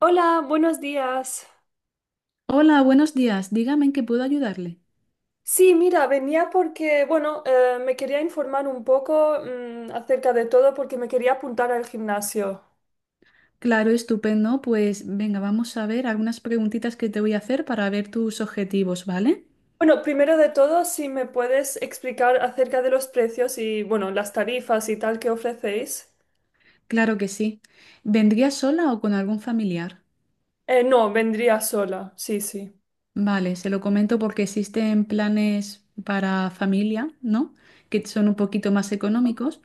Hola, buenos días. Hola, buenos días. Dígame en qué puedo ayudarle. Sí, mira, venía porque, me quería informar un poco, acerca de todo porque me quería apuntar al gimnasio. Claro, estupendo. Pues venga, vamos a ver algunas preguntitas que te voy a hacer para ver tus objetivos, ¿vale? Bueno, primero de todo, si me puedes explicar acerca de los precios y, bueno, las tarifas y tal que ofrecéis. Claro que sí. ¿Vendría sola o con algún familiar? No, vendría sola, sí, sí. Vale, se lo comento porque existen planes para familia, ¿no? Que son un poquito más económicos,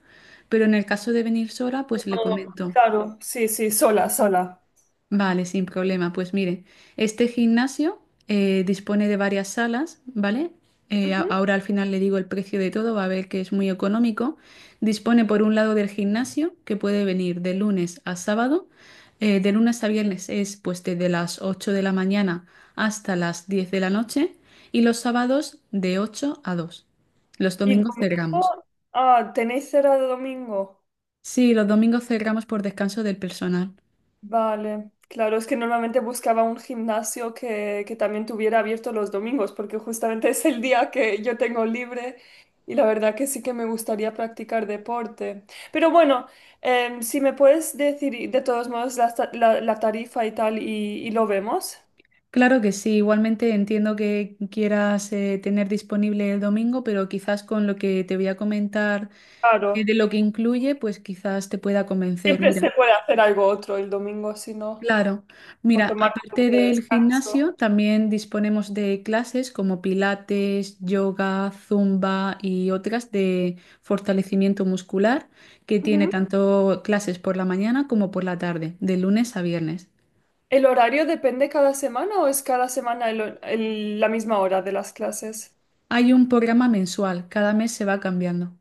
pero en el caso de venir sola, No, pues le comento. claro, sí, sí, sola, sola. Vale, sin problema. Pues mire, este gimnasio dispone de varias salas, ¿vale? Ujú. Ahora al final le digo el precio de todo, va a ver que es muy económico. Dispone por un lado del gimnasio, que puede venir de lunes a sábado. De lunes a viernes es pues desde las 8 de la mañana hasta las 10 de la noche y los sábados de 8 a 2. Los ¿Y domingos cerramos. domingo? Ah, ¿tenéis cerrado domingo? Sí, los domingos cerramos por descanso del personal. Vale, claro, es que normalmente buscaba un gimnasio que también tuviera abierto los domingos, porque justamente es el día que yo tengo libre y la verdad que sí que me gustaría practicar deporte. Pero bueno, si me puedes decir y de todos modos la tarifa y tal y lo vemos. Claro que sí, igualmente entiendo que quieras tener disponible el domingo, pero quizás con lo que te voy a comentar Claro, de lo que incluye, pues quizás te pueda convencer. siempre se Mira, puede hacer algo otro el domingo, si no, claro, o mira, tomar un aparte día de del descanso. gimnasio, también disponemos de clases como pilates, yoga, zumba y otras de fortalecimiento muscular, que tiene Ujú. tanto clases por la mañana como por la tarde, de lunes a viernes. ¿El horario depende cada semana o es cada semana la misma hora de las clases? Hay un programa mensual, cada mes se va cambiando.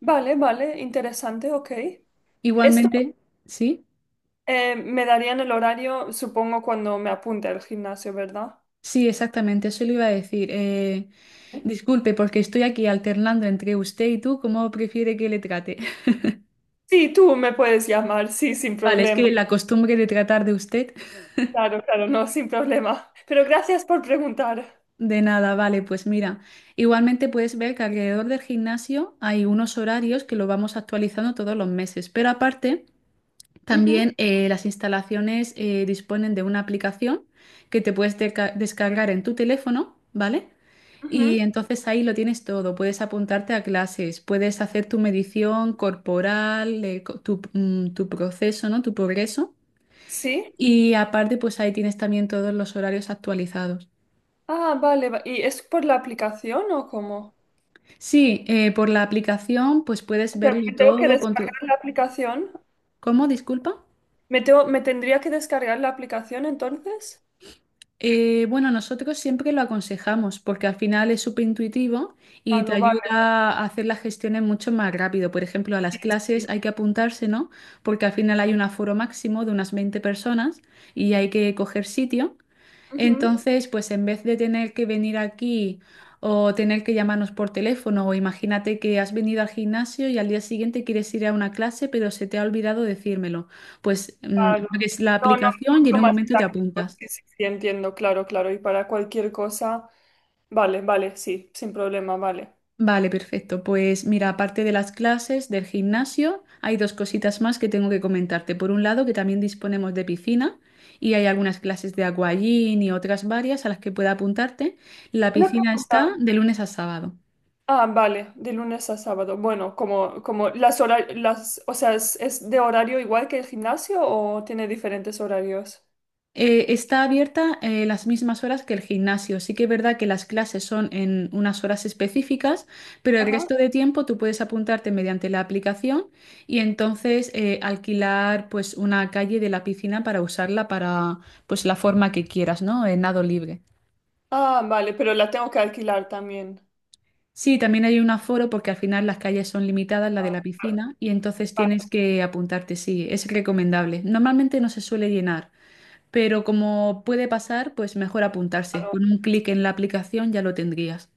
Vale, vale, interesante, ok. Esto Igualmente, sí, me darían el horario, supongo, cuando me apunte al gimnasio, ¿verdad? sí, exactamente, eso le iba a decir. Disculpe, porque estoy aquí alternando entre usted y tú, ¿cómo prefiere que le trate? Sí, tú me puedes llamar, sí, sin Vale, es problema. que la costumbre de tratar de usted, Claro, claro, no, sin problema. Pero gracias por preguntar. de nada, vale, pues mira, igualmente puedes ver que alrededor del gimnasio hay unos horarios que lo vamos actualizando todos los meses, pero aparte... Ujú, También las instalaciones disponen de una aplicación que te puedes descargar en tu teléfono, ¿vale? Y ujú. entonces ahí lo tienes todo. Puedes apuntarte a clases, puedes hacer tu medición corporal, co- tu, mm, tu proceso, ¿no? Tu progreso. ¿Sí? Y aparte, pues ahí tienes también todos los horarios actualizados. Ah, vale. ¿Y es por la aplicación o cómo? Sí, por la aplicación, pues puedes O sea, ¿me verlo tengo que todo con tu... descargar la aplicación? ¿Cómo? Disculpa. Me tendría que descargar la aplicación entonces? Bueno, nosotros siempre lo aconsejamos porque al final es súper intuitivo y te Claro, vale. ayuda a hacer las gestiones mucho más rápido. Por ejemplo, a las Sí, clases sí. hay que apuntarse, ¿no? Porque al final hay un aforo máximo de unas 20 personas y hay que coger sitio. Ujú. Entonces, pues en vez de tener que venir aquí o tener que llamarnos por teléfono o imagínate que has venido al gimnasio y al día siguiente quieres ir a una clase pero se te ha olvidado decírmelo, pues Claro. abres la No, no, aplicación y en mucho un más momento te táctico. apuntas. Sí, sí, sí, entiendo, claro, claro. Y para cualquier cosa, vale, vale, sí, sin problema, vale. Vale, perfecto. Pues mira, aparte de las clases del gimnasio, hay dos cositas más que tengo que comentarte. Por un lado, que también disponemos de piscina y hay algunas clases de aquagym y otras varias a las que pueda apuntarte. La Una piscina pregunta. está de lunes a sábado. Ah, vale, de lunes a sábado. Bueno, como, como las horas, las, o sea, es de horario igual que el gimnasio o tiene diferentes horarios? Está abierta las mismas horas que el gimnasio. Sí que es verdad que las clases son en unas horas específicas, pero el Ajá. resto de tiempo tú puedes apuntarte mediante la aplicación y entonces alquilar pues una calle de la piscina para usarla para pues la forma que quieras, ¿no? En nado libre. Ah, vale, pero la tengo que alquilar también. Sí, también hay un aforo porque al final las calles son limitadas, la de la piscina, y entonces tienes Vale, que apuntarte, sí, es recomendable. Normalmente no se suele llenar. Pero como puede pasar, pues mejor apuntarse. claro. Con un clic en la aplicación ya lo tendrías.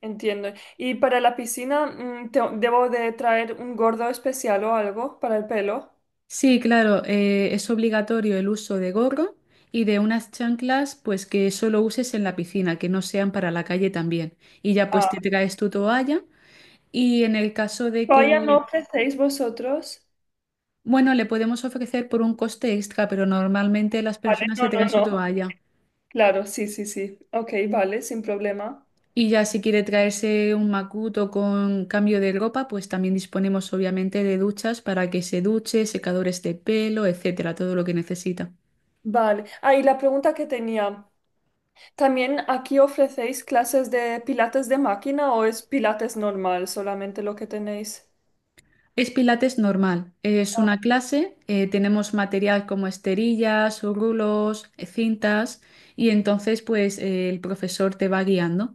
Entiendo. ¿Y para la piscina, debo de traer un gordo especial o algo para el pelo? Sí, claro, es obligatorio el uso de gorro y de unas chanclas, pues que solo uses en la piscina, que no sean para la calle también. Y ya pues te traes tu toalla y en el caso de Vaya, no que, ofrecéis vosotros. bueno, le podemos ofrecer por un coste extra, pero normalmente las Vale, personas no, se traen no, su no. toalla. Claro, sí, sí, sí. Ok, vale, sin problema. Y ya si quiere traerse un macuto con cambio de ropa, pues también disponemos obviamente de duchas para que se duche, secadores de pelo, etcétera, todo lo que necesita. Vale. Ah, y la pregunta que tenía. ¿También aquí ofrecéis clases de pilates de máquina o es pilates normal solamente lo que tenéis? Es pilates normal, es una clase, tenemos material como esterillas, rulos, cintas y entonces pues el profesor te va guiando.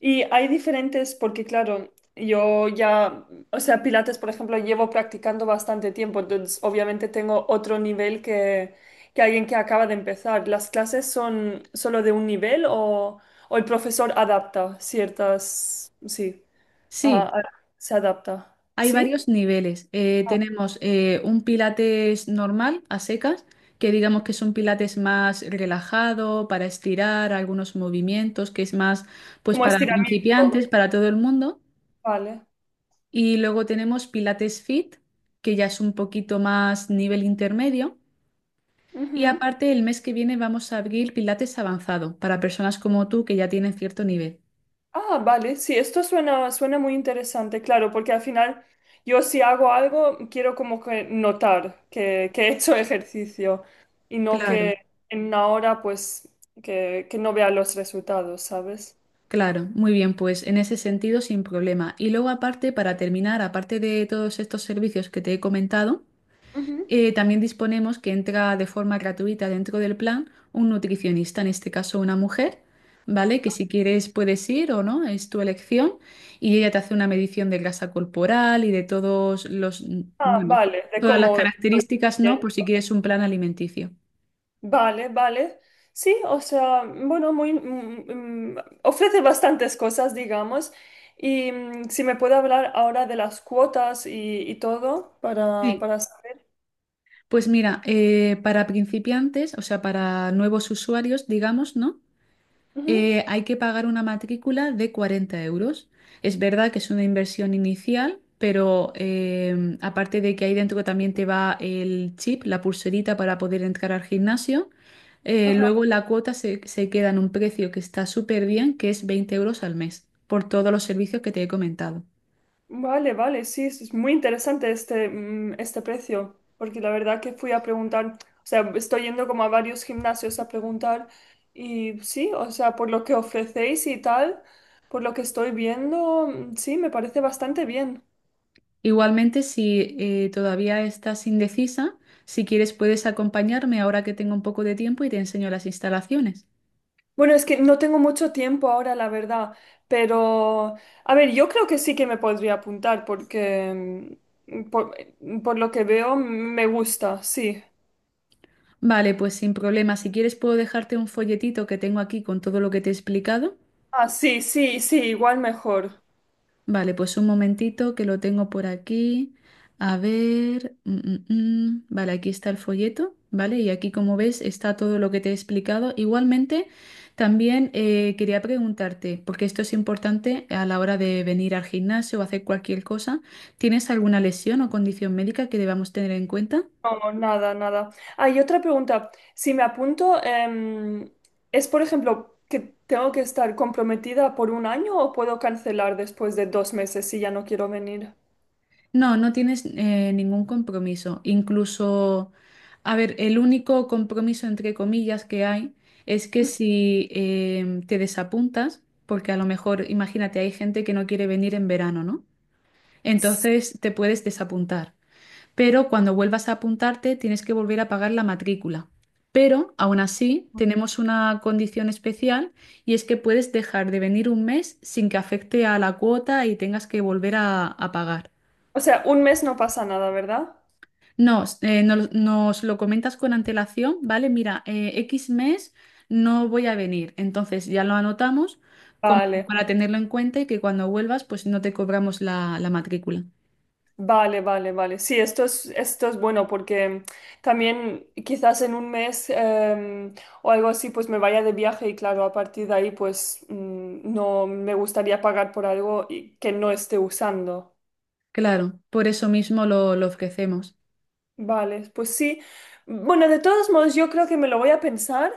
Y hay diferentes, porque claro, yo ya, o sea, pilates, por ejemplo, llevo practicando bastante tiempo, entonces obviamente tengo otro nivel que alguien que acaba de empezar. ¿Las clases son solo de un nivel o el profesor adapta ciertas, sí, a- Sí, a- se adapta? hay ¿Sí? varios niveles. Ah, Tenemos un pilates normal, a secas, que digamos que es un pilates más relajado, para estirar algunos movimientos, que es más pues como para estiramiento. principiantes, para todo el mundo. Vale. Y luego tenemos pilates fit, que ya es un poquito más nivel intermedio. Y aparte, el mes que viene vamos a abrir pilates avanzado, para personas como tú que ya tienen cierto nivel. Ah, vale, sí, esto suena, suena muy interesante, claro, porque al final yo si hago algo quiero como que notar que he hecho ejercicio y no Claro. que en una hora pues que no vea los resultados, ¿sabes? Claro, muy bien, pues en ese sentido sin problema. Y luego aparte, para terminar, aparte de todos estos servicios que te he comentado, Ujú. También disponemos que entra de forma gratuita dentro del plan un nutricionista, en este caso una mujer, ¿vale? Que si quieres puedes ir o no, es tu elección, y ella te hace una medición de grasa corporal y de todos los, Ah, bueno, vale, de todas las cómo estoy características, bien. ¿no? Por si quieres un plan alimenticio. Vale, vale. Sí, o sea, bueno, muy, ofrece bastantes cosas, digamos. Y si me puede hablar ahora de las cuotas y todo Sí. para saber. Pues mira, para principiantes, o sea, para nuevos usuarios, digamos, ¿no? Hay que pagar una matrícula de 40 euros. Es verdad que es una inversión inicial, pero aparte de que ahí dentro también te va el chip, la pulserita para poder entrar al gimnasio, Ajá. luego la cuota se queda en un precio que está súper bien, que es 20 euros al mes, por todos los servicios que te he comentado. Vale, vale, sí, es muy interesante este, este precio, porque la verdad que fui a preguntar, o sea, estoy yendo como a varios gimnasios a preguntar y sí, o sea, por lo que ofrecéis y tal, por lo que estoy viendo, sí, me parece bastante bien. Igualmente, si todavía estás indecisa, si quieres puedes acompañarme ahora que tengo un poco de tiempo y te enseño las instalaciones. Bueno, es que no tengo mucho tiempo ahora, la verdad, pero a ver, yo creo que sí que me podría apuntar porque mm, por por lo que veo me gusta, sí. Vale, pues sin problema. Si quieres puedo dejarte un folletito que tengo aquí con todo lo que te he explicado. Ah, sí, sí, sí, igual mejor. Vale, pues un momentito que lo tengo por aquí. A ver. Mm. Vale, aquí está el folleto, ¿vale? Y aquí, como ves, está todo lo que te he explicado. Igualmente, también quería preguntarte, porque esto es importante a la hora de venir al gimnasio o hacer cualquier cosa, ¿tienes alguna lesión o condición médica que debamos tener en cuenta? No, nada, nada. Ah, y otra pregunta. Si me apunto, ¿es por ejemplo que tengo que estar comprometida por 1 año o puedo cancelar después de 2 meses si ya no quiero venir? No, no tienes ningún compromiso. Incluso, a ver, el único compromiso entre comillas que hay es que si te desapuntas, porque a lo mejor, imagínate, hay gente que no quiere venir en verano, ¿no? S- Entonces te puedes desapuntar. Pero cuando vuelvas a apuntarte, tienes que volver a pagar la matrícula. Pero aún así, tenemos una condición especial y es que puedes dejar de venir un mes sin que afecte a la cuota y tengas que volver a pagar. O sea, un mes no pasa nada, ¿verdad? Nos lo comentas con antelación, ¿vale? Mira, X mes no voy a venir, entonces ya lo anotamos como Vale, para tenerlo en cuenta y que cuando vuelvas pues no te cobramos la matrícula. vale, vale, vale. Sí, esto es bueno porque también quizás en un mes o algo así, pues me vaya de viaje y claro, a partir de ahí, pues no me gustaría pagar por algo que no esté usando. Claro, por eso mismo lo ofrecemos. Vale, pues sí. Bueno, de todos modos, yo creo que me lo voy a pensar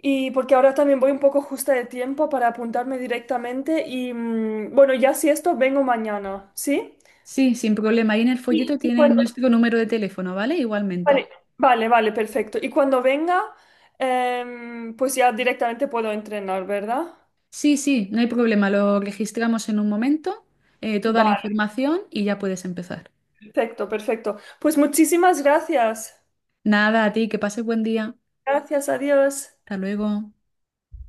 y porque ahora también voy un poco justa de tiempo para apuntarme directamente y bueno, ya si esto, vengo mañana, ¿sí? Sí, sin problema. Ahí en el Sí. folleto Y cuando... tienen nuestro número de teléfono, ¿vale? Igualmente. Vale, vale, vale, perfecto. Y cuando venga, pues ya directamente puedo entrenar, ¿verdad? Sí, sí, no hay problema. Lo registramos en un momento, toda la Vale, información y ya puedes empezar. perfecto, perfecto. Pues muchísimas gracias. Nada, a ti, que pases buen día. Gracias, adiós. Hasta luego.